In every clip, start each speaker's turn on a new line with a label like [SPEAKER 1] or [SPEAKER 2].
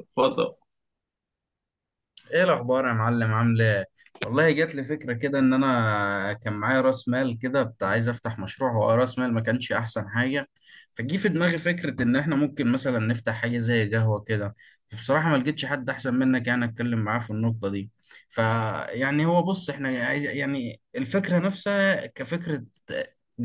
[SPEAKER 1] اتفضل.
[SPEAKER 2] ايه الاخبار يا معلم؟ عامل ايه؟ والله جات لي فكره كده، ان انا كان معايا راس مال كده بتاع، عايز افتح مشروع. هو راس مال، ما كانش احسن حاجه. فجي في دماغي فكره ان احنا ممكن مثلا نفتح حاجه زي قهوه كده. بصراحه ما لقيتش حد احسن منك يعني اتكلم معاه في النقطه دي. فيعني، هو بص، احنا عايز يعني الفكره نفسها كفكره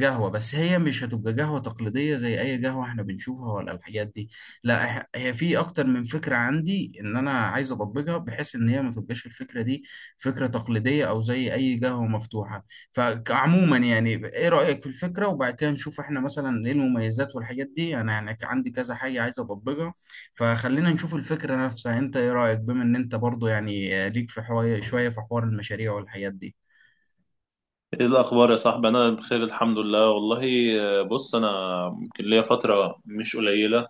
[SPEAKER 2] قهوه، بس هي مش هتبقى قهوه تقليديه زي اي قهوه احنا بنشوفها ولا الحاجات دي. لا، هي في اكتر من فكره عندي ان انا عايز اطبقها، بحيث ان هي ما تبقاش الفكره دي فكره تقليديه او زي اي قهوه مفتوحه. فعموما يعني ايه رايك في الفكره، وبعد كده نشوف احنا مثلا ايه المميزات والحاجات دي. انا يعني عندي كذا حاجه عايز اطبقها. فخلينا نشوف الفكره نفسها، انت ايه رايك؟ بما ان انت برضو يعني ليك في حوار، شويه في حوار المشاريع والحاجات دي.
[SPEAKER 1] ايه الاخبار يا صاحبي؟ انا بخير الحمد لله والله. بص انا يمكن ليا فتره مش قليله،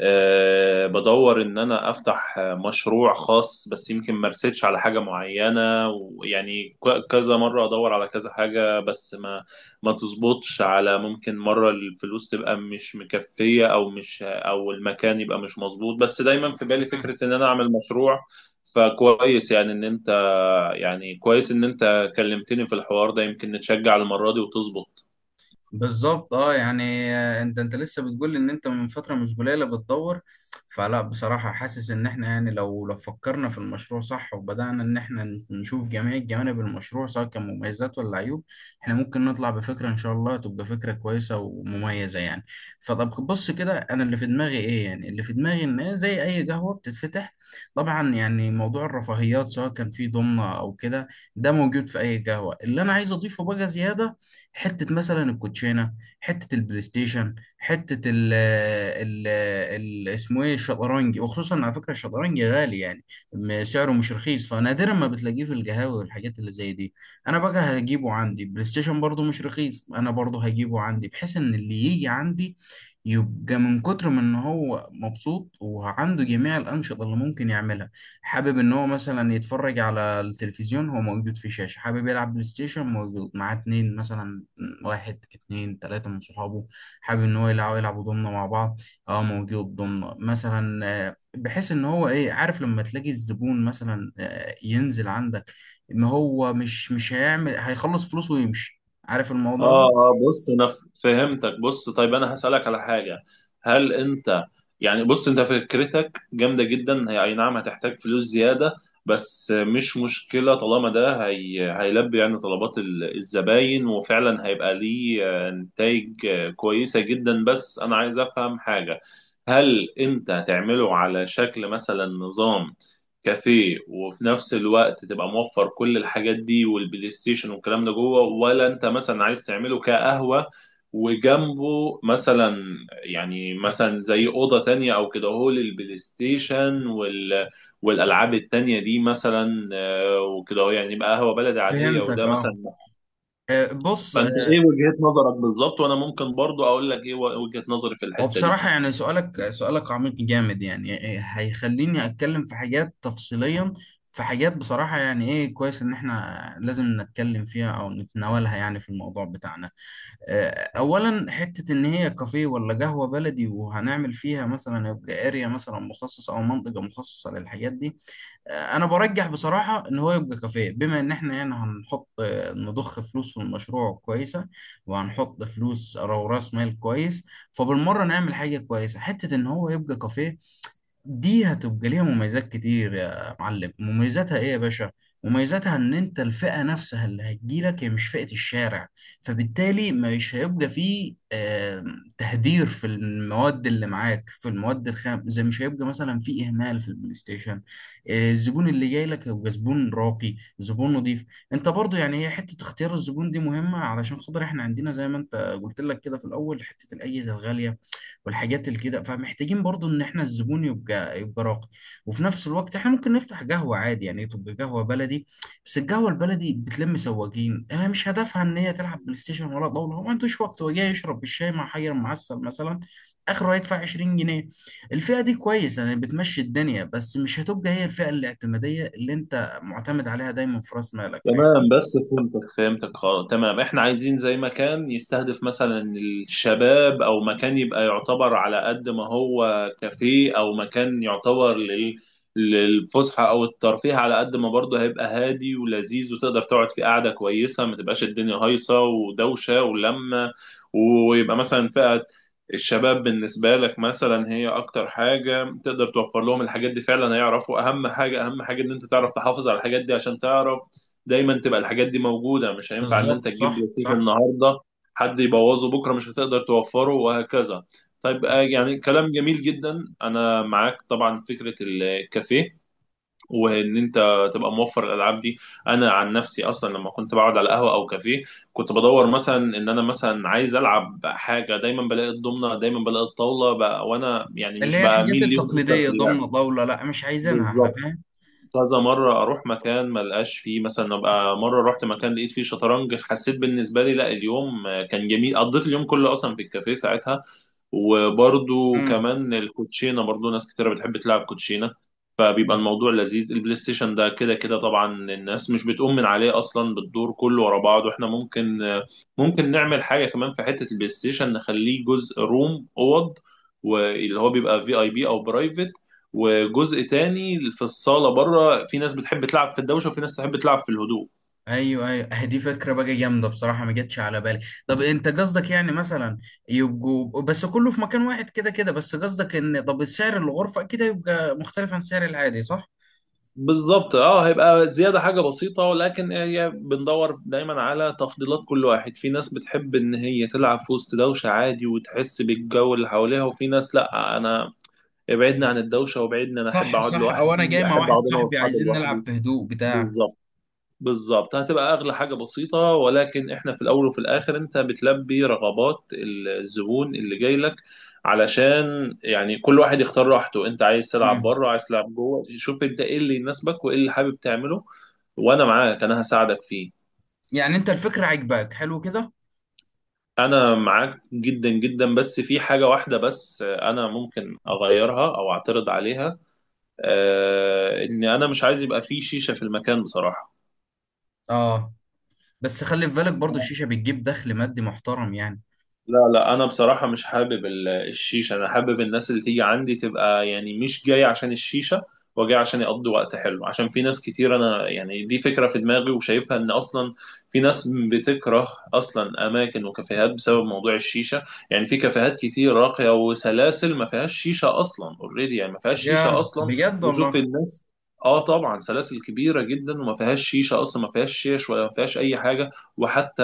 [SPEAKER 1] بدور ان انا افتح مشروع خاص، بس يمكن ما رسيتش على حاجه معينه، ويعني كذا مره ادور على كذا حاجه، بس ما تظبطش على، ممكن مره الفلوس تبقى مش مكفيه او مش، او المكان يبقى مش مظبوط، بس دايما في بالي فكره ان انا اعمل مشروع. فكويس يعني ان انت، يعني كويس ان انت كلمتني في الحوار ده، يمكن نتشجع المرة دي وتظبط.
[SPEAKER 2] بالظبط، اه، يعني انت لسه بتقول ان انت من فتره مش قليله بتدور. فلا، بصراحه حاسس ان احنا يعني، لو فكرنا في المشروع صح، وبدانا ان احنا نشوف جميع جوانب المشروع سواء كان مميزات ولا عيوب، احنا ممكن نطلع بفكره ان شاء الله تبقى فكره كويسه ومميزه يعني. فطب بص كده، انا اللي في دماغي ايه؟ يعني اللي في دماغي ان هي زي اي قهوه بتتفتح. طبعا يعني موضوع الرفاهيات سواء كان في ضمنه او كده، ده موجود في اي قهوه. اللي انا عايز اضيفه بقى زياده، حته مثلا الكوتشينه، حته البلاي ستيشن، حته ال اسمه ايه، الشطرنج. وخصوصا على فكره، الشطرنج غالي يعني، سعره مش رخيص، فنادرا ما بتلاقيه في القهاوي والحاجات اللي زي دي. انا بقى هجيبه عندي. بلاي ستيشن برضه مش رخيص، انا برضه هجيبه عندي، بحيث ان اللي يجي عندي يبقى من كتر ما ان هو مبسوط وعنده جميع الانشطه اللي ممكن يعملها. حابب ان هو مثلا يتفرج على التلفزيون، هو موجود، في شاشة. حابب يلعب بلاي ستيشن، موجود، معاه اتنين مثلا، واحد، اتنين، تلاتة من صحابه، حابب ان هو يلعب، يلعبوا ضمنة مع بعض، اه موجود ضمنة مثلا. بحيث ان هو ايه، عارف لما تلاقي الزبون مثلا ينزل عندك ان هو مش هيعمل، هيخلص فلوسه ويمشي، عارف الموضوع
[SPEAKER 1] اه
[SPEAKER 2] ده.
[SPEAKER 1] اه، بص انا فهمتك. بص طيب، انا هسألك على حاجة، هل انت يعني، بص انت فكرتك جامدة جدا، هي اي نعم هتحتاج فلوس زيادة، بس مش مشكلة طالما ده هي هيلبي يعني طلبات الزباين، وفعلا هيبقى ليه نتائج كويسة جدا. بس انا عايز افهم حاجة، هل انت هتعمله على شكل مثلا نظام كافيه، وفي نفس الوقت تبقى موفر كل الحاجات دي والبلاي ستيشن والكلام ده جوه، ولا انت مثلا عايز تعمله كقهوة وجنبه مثلا، يعني مثلا زي أوضة تانية أو كده هو للبلاي ستيشن والألعاب التانية دي مثلا، وكده هو يعني يبقى قهوة بلدي عادية
[SPEAKER 2] فهمتك،
[SPEAKER 1] وده
[SPEAKER 2] اه.
[SPEAKER 1] مثلا.
[SPEAKER 2] بص،
[SPEAKER 1] فأنت إيه وجهة نظرك بالظبط؟ وأنا ممكن برضو أقول لك إيه وجهة نظري في
[SPEAKER 2] هو
[SPEAKER 1] الحتة دي.
[SPEAKER 2] بصراحة يعني سؤالك عميق جامد يعني هيخليني أتكلم في حاجات تفصيليا. في حاجات بصراحة يعني إيه، كويس إن إحنا لازم نتكلم فيها أو نتناولها يعني في الموضوع بتاعنا. آه، أولا، حتة إن هي كافيه ولا قهوة بلدي، وهنعمل فيها مثلا يبقى أريا مثلا مخصصة أو منطقة مخصصة للحاجات دي. انا برجح بصراحه ان هو يبقى كافيه، بما ان احنا هنا هنحط، نضخ فلوس في المشروع كويسه، وهنحط فلوس او راس مال كويس، فبالمره نعمل حاجه كويسه، حته ان هو يبقى كافيه. دي هتبقى ليها مميزات كتير يا معلم. مميزاتها ايه يا باشا؟ مميزاتها ان انت الفئة نفسها اللي هتجيلك هي مش فئة الشارع، فبالتالي مش هيبقى فيه تهدير في المواد اللي معاك، في المواد الخام زي، مش هيبقى مثلا فيه اهمال في البلاي ستيشن. الزبون اللي جاي لك هيبقى زبون راقي، زبون نظيف. انت برضو يعني هي حتة اختيار الزبون دي مهمة، علشان خاطر احنا عندنا زي ما انت قلت لك كده في الاول، حتة الاجهزة الغالية والحاجات اللي كده، فمحتاجين برضو ان احنا الزبون يبقى راقي. وفي نفس الوقت احنا ممكن نفتح قهوة عادي يعني، تبقى قهوة بلدي. بس القهوة البلدي بتلم سواقين. انا مش هدفها ان هي تلعب بلاي ستيشن ولا طاولة، هو ما عندوش وقت، هو جاي يشرب الشاي مع حجر معسل مثلا، اخره هيدفع 20 جنيه. الفئة دي كويسة يعني، بتمشي الدنيا، بس مش هتبقى هي الفئة الاعتمادية اللي انت معتمد عليها دايما في راس مالك.
[SPEAKER 1] تمام،
[SPEAKER 2] فاهمني؟
[SPEAKER 1] بس فهمتك خلاص تمام، احنا عايزين زي مكان يستهدف مثلا الشباب، او مكان يبقى يعتبر على قد ما هو كافيه، او مكان يعتبر للفسحة او الترفيه، على قد ما برضه هيبقى هادي ولذيذ وتقدر تقعد في قعدة كويسة، ما تبقاش الدنيا هايصة ودوشة ولمة. ويبقى مثلا فئة الشباب بالنسبة لك مثلا هي أكتر حاجة تقدر توفر لهم الحاجات دي، فعلا هيعرفوا أهم حاجة. أهم حاجة إن أنت تعرف تحافظ على الحاجات دي، عشان تعرف دايما تبقى الحاجات دي موجوده، مش هينفع ان انت
[SPEAKER 2] بالظبط،
[SPEAKER 1] تجيب
[SPEAKER 2] صح،
[SPEAKER 1] بلاي ستيشن
[SPEAKER 2] صح،
[SPEAKER 1] النهارده حد يبوظه بكره مش هتقدر توفره، وهكذا. طيب
[SPEAKER 2] صح.
[SPEAKER 1] يعني كلام جميل جدا، انا معاك طبعا فكره الكافيه وان انت تبقى موفر الالعاب دي. انا عن نفسي اصلا لما كنت بقعد على قهوه او كافيه، كنت بدور مثلا ان انا مثلا عايز العب حاجه، دايما بلاقي الضمنه، دايما بلاقي الطاوله بقى، وانا يعني
[SPEAKER 2] اللي
[SPEAKER 1] مش
[SPEAKER 2] هي الحاجات
[SPEAKER 1] بميل ليهم اكتر
[SPEAKER 2] التقليدية،
[SPEAKER 1] في اللعب.
[SPEAKER 2] ضمن، طاولة، لا مش عايزينها احنا،
[SPEAKER 1] بالظبط،
[SPEAKER 2] فاهم.
[SPEAKER 1] كذا مرة أروح مكان ما لقاش فيه مثلا، أبقى مرة رحت مكان لقيت فيه شطرنج، حسيت بالنسبة لي لا اليوم كان جميل، قضيت اليوم كله أصلا في الكافيه ساعتها. وبرضو كمان الكوتشينة، برضو ناس كتيرة بتحب تلعب كوتشينة، فبيبقى
[SPEAKER 2] مم.
[SPEAKER 1] الموضوع لذيذ. البلاي ستيشن ده كده كده طبعا الناس مش بتقوم من عليه أصلا، بالدور كله ورا بعض، وإحنا ممكن نعمل حاجة كمان في حتة البلاي ستيشن، نخليه جزء روم أوض، واللي هو بيبقى في اي بي او برايفت، وجزء تاني في الصاله بره، في ناس بتحب تلعب في الدوشه وفي ناس تحب تلعب في الهدوء.
[SPEAKER 2] ايوه، ايوه، دي فكره بقى جامده، بصراحه ما جاتش على بالي. طب انت قصدك يعني مثلا يبقوا بس كله في مكان واحد كده كده، بس قصدك ان طب سعر الغرفه كده يبقى مختلف عن سعر العادي صح؟
[SPEAKER 1] بالظبط اه، هيبقى زياده حاجه بسيطه، ولكن هي بندور دايما على تفضيلات كل واحد، في ناس بتحب ان هي تلعب في وسط دوشه عادي وتحس بالجو اللي حواليها، وفي ناس لا، انا ابعدني
[SPEAKER 2] مم.
[SPEAKER 1] عن الدوشه وابعدني، انا احب
[SPEAKER 2] صح،
[SPEAKER 1] اقعد
[SPEAKER 2] صح، او انا
[SPEAKER 1] لوحدي،
[SPEAKER 2] جاي مع
[SPEAKER 1] احب
[SPEAKER 2] واحد
[SPEAKER 1] اقعد انا
[SPEAKER 2] صاحبي
[SPEAKER 1] واصحابي
[SPEAKER 2] عايزين نلعب
[SPEAKER 1] لوحدي.
[SPEAKER 2] في هدوء بتاع.
[SPEAKER 1] بالظبط، بالظبط، هتبقى اغلى حاجه بسيطه، ولكن احنا في الاول وفي الاخر انت بتلبي رغبات الزبون اللي جاي لك، علشان يعني كل واحد يختار راحته، انت عايز تلعب
[SPEAKER 2] مم.
[SPEAKER 1] بره عايز تلعب جوه، شوف انت ايه اللي يناسبك وايه اللي حابب تعمله، وانا معاك، انا هساعدك فيه.
[SPEAKER 2] يعني انت الفكره عجباك، حلو كده.
[SPEAKER 1] انا معاك جدا جدا، بس في حاجه واحده بس انا ممكن اغيرها او اعترض عليها، آه ان انا مش عايز يبقى في شيشه في المكان بصراحه.
[SPEAKER 2] اه، بس خلي في بالك برضو الشيشه بتجيب دخل مادي محترم يعني.
[SPEAKER 1] لا لا، انا بصراحه مش حابب الشيشه، انا حابب الناس اللي تيجي عندي تبقى يعني مش جاي عشان الشيشه، وجاي عشان يقضوا وقت حلو، عشان في ناس كتير، انا يعني دي فكره في دماغي وشايفها، ان اصلا في ناس بتكره اصلا اماكن وكافيهات بسبب موضوع الشيشه. يعني في كافيهات كتير راقيه وسلاسل ما فيهاش شيشه اصلا، اوريدي يعني ما فيهاش شيشه
[SPEAKER 2] يا
[SPEAKER 1] اصلا،
[SPEAKER 2] بجد
[SPEAKER 1] وشوف
[SPEAKER 2] والله.
[SPEAKER 1] الناس. اه طبعا، سلاسل كبيره جدا وما فيهاش شيشه اصلا، ما فيهاش شيش ولا ما فيهاش اي حاجه. وحتى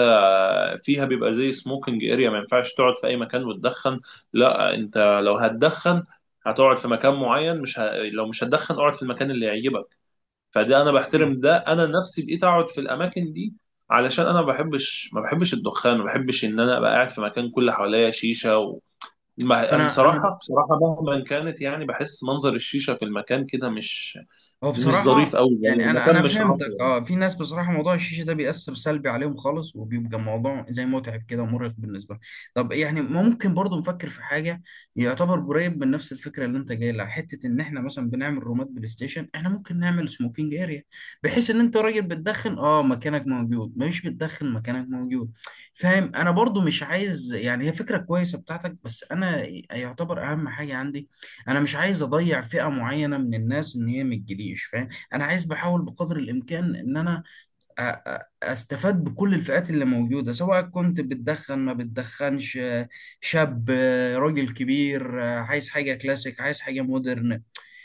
[SPEAKER 1] فيها بيبقى زي سموكينج اريا، ما ينفعش تقعد في اي مكان وتدخن، لا انت لو هتدخن هتقعد في مكان معين، مش ه... لو مش هتدخن اقعد في المكان اللي يعجبك. فده انا
[SPEAKER 2] مم.
[SPEAKER 1] بحترم، ده انا نفسي بقيت اقعد في الاماكن دي، علشان انا ما بحبش، ما بحبش الدخان، ما بحبش ان انا ابقى قاعد في مكان كل حواليا شيشه أنا
[SPEAKER 2] انا
[SPEAKER 1] بصراحة بصراحة مهما كانت، يعني بحس منظر الشيشة في المكان كده مش
[SPEAKER 2] هو
[SPEAKER 1] مش ظريف
[SPEAKER 2] بصراحة
[SPEAKER 1] قوي، يعني
[SPEAKER 2] يعني، أنا
[SPEAKER 1] المكان
[SPEAKER 2] أنا
[SPEAKER 1] مش
[SPEAKER 2] فهمتك،
[SPEAKER 1] راقي.
[SPEAKER 2] أه. في ناس بصراحة موضوع الشيشة ده بيأثر سلبي عليهم خالص، وبيبقى موضوع زي متعب كده ومرهق بالنسبة لهم. طب يعني ممكن برضو نفكر في حاجة يعتبر قريب من نفس الفكرة اللي أنت جاي لها. حتة إن إحنا مثلا بنعمل رومات بلاي ستيشن، إحنا ممكن نعمل سموكينج أريا، بحيث إن أنت راجل بتدخن، أه، مكانك موجود، مش بتدخن مكانك موجود. فاهم؟ أنا برضو مش عايز يعني، هي فكرة كويسة بتاعتك، بس أنا يعتبر أهم حاجة عندي، انا مش عايز اضيع فئة معينة من الناس ان هي ما تجيليش. فاهم؟ انا عايز، بحاول بقدر الامكان ان انا استفاد بكل الفئات اللي موجودة، سواء كنت بتدخن، ما بتدخنش، شاب، راجل كبير، عايز حاجة كلاسيك، عايز حاجة مودرن.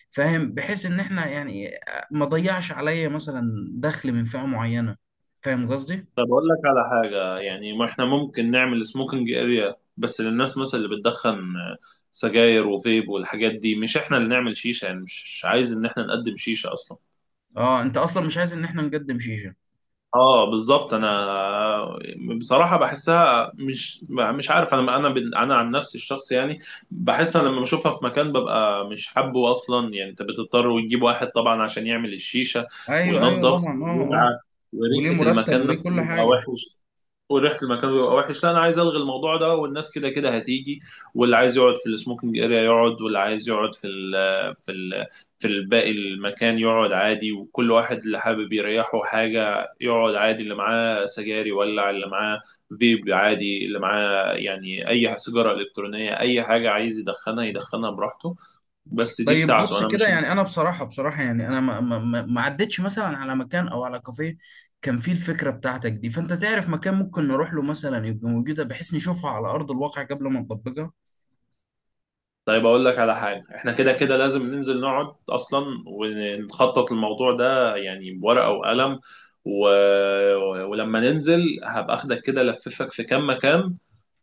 [SPEAKER 2] فاهم؟ بحيث ان احنا يعني ما ضيعش عليا مثلا دخل من فئة معينة. فاهم قصدي؟
[SPEAKER 1] طب أقول لك على حاجة، يعني ما إحنا ممكن نعمل سموكينج أريا بس للناس مثلا اللي بتدخن سجاير وفيب والحاجات دي، مش إحنا اللي نعمل شيشة، يعني مش عايز إن إحنا نقدم شيشة أصلا.
[SPEAKER 2] اه، انت اصلا مش عايز ان احنا نقدم شيشة.
[SPEAKER 1] اه بالظبط، انا بصراحه بحسها مش عارف، انا عن نفسي الشخص يعني، بحس انا لما بشوفها في مكان ببقى مش حابه اصلا. يعني انت بتضطر وتجيب واحد طبعا عشان يعمل الشيشه
[SPEAKER 2] ايوه، ايوه،
[SPEAKER 1] وينظف
[SPEAKER 2] طبعا، اه، اه.
[SPEAKER 1] ويلعب،
[SPEAKER 2] وليه
[SPEAKER 1] وريحه
[SPEAKER 2] مرتب،
[SPEAKER 1] المكان
[SPEAKER 2] وليه
[SPEAKER 1] نفسه
[SPEAKER 2] كل
[SPEAKER 1] بيبقى
[SPEAKER 2] حاجة.
[SPEAKER 1] وحش، وريحه المكان بيبقى وحش، لا انا عايز الغي الموضوع ده، والناس كده كده هتيجي، واللي عايز يقعد في السموكينج اريا يقعد، واللي عايز يقعد في ال في الباقي المكان يقعد عادي، وكل واحد اللي حابب يريحه حاجه يقعد عادي، اللي معاه سجاير يولع، اللي معاه فيب عادي، اللي معاه يعني اي سيجاره الكترونيه اي حاجه عايز يدخنها يدخنها براحته، بس دي
[SPEAKER 2] طيب
[SPEAKER 1] بتاعته
[SPEAKER 2] بص
[SPEAKER 1] انا
[SPEAKER 2] كده
[SPEAKER 1] مش.
[SPEAKER 2] يعني، انا بصراحه يعني انا ما عدتش مثلا على مكان او على كافيه كان فيه الفكره بتاعتك دي. فانت تعرف مكان ممكن نروح له مثلا يبقى موجوده، بحيث نشوفها على ارض الواقع قبل ما نطبقها.
[SPEAKER 1] طيب اقول لك على حاجه، احنا كده كده لازم ننزل نقعد اصلا ونخطط الموضوع ده يعني بورقه وقلم و... ولما ننزل هبقى اخدك كده لففك في كام مكان،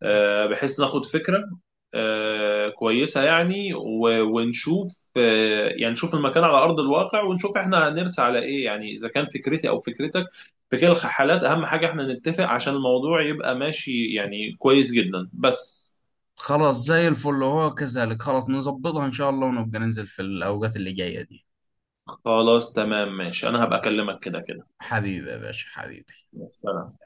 [SPEAKER 1] بحيث ناخد فكرة كويسة يعني، ونشوف يعني نشوف المكان على أرض الواقع، ونشوف احنا هنرسى على إيه، يعني إذا كان فكرتي أو فكرتك، في كلا الحالات أهم حاجة احنا نتفق عشان الموضوع يبقى ماشي يعني كويس جدا، بس.
[SPEAKER 2] خلاص، زي الفل، هو كذلك، خلاص نظبطها ان شاء الله، ونبقى ننزل في الاوقات اللي جايه دي.
[SPEAKER 1] خلاص تمام ماشي، أنا هبقى أكلمك كده كده.
[SPEAKER 2] حبيبي يا باشا، حبيبي.
[SPEAKER 1] سلام.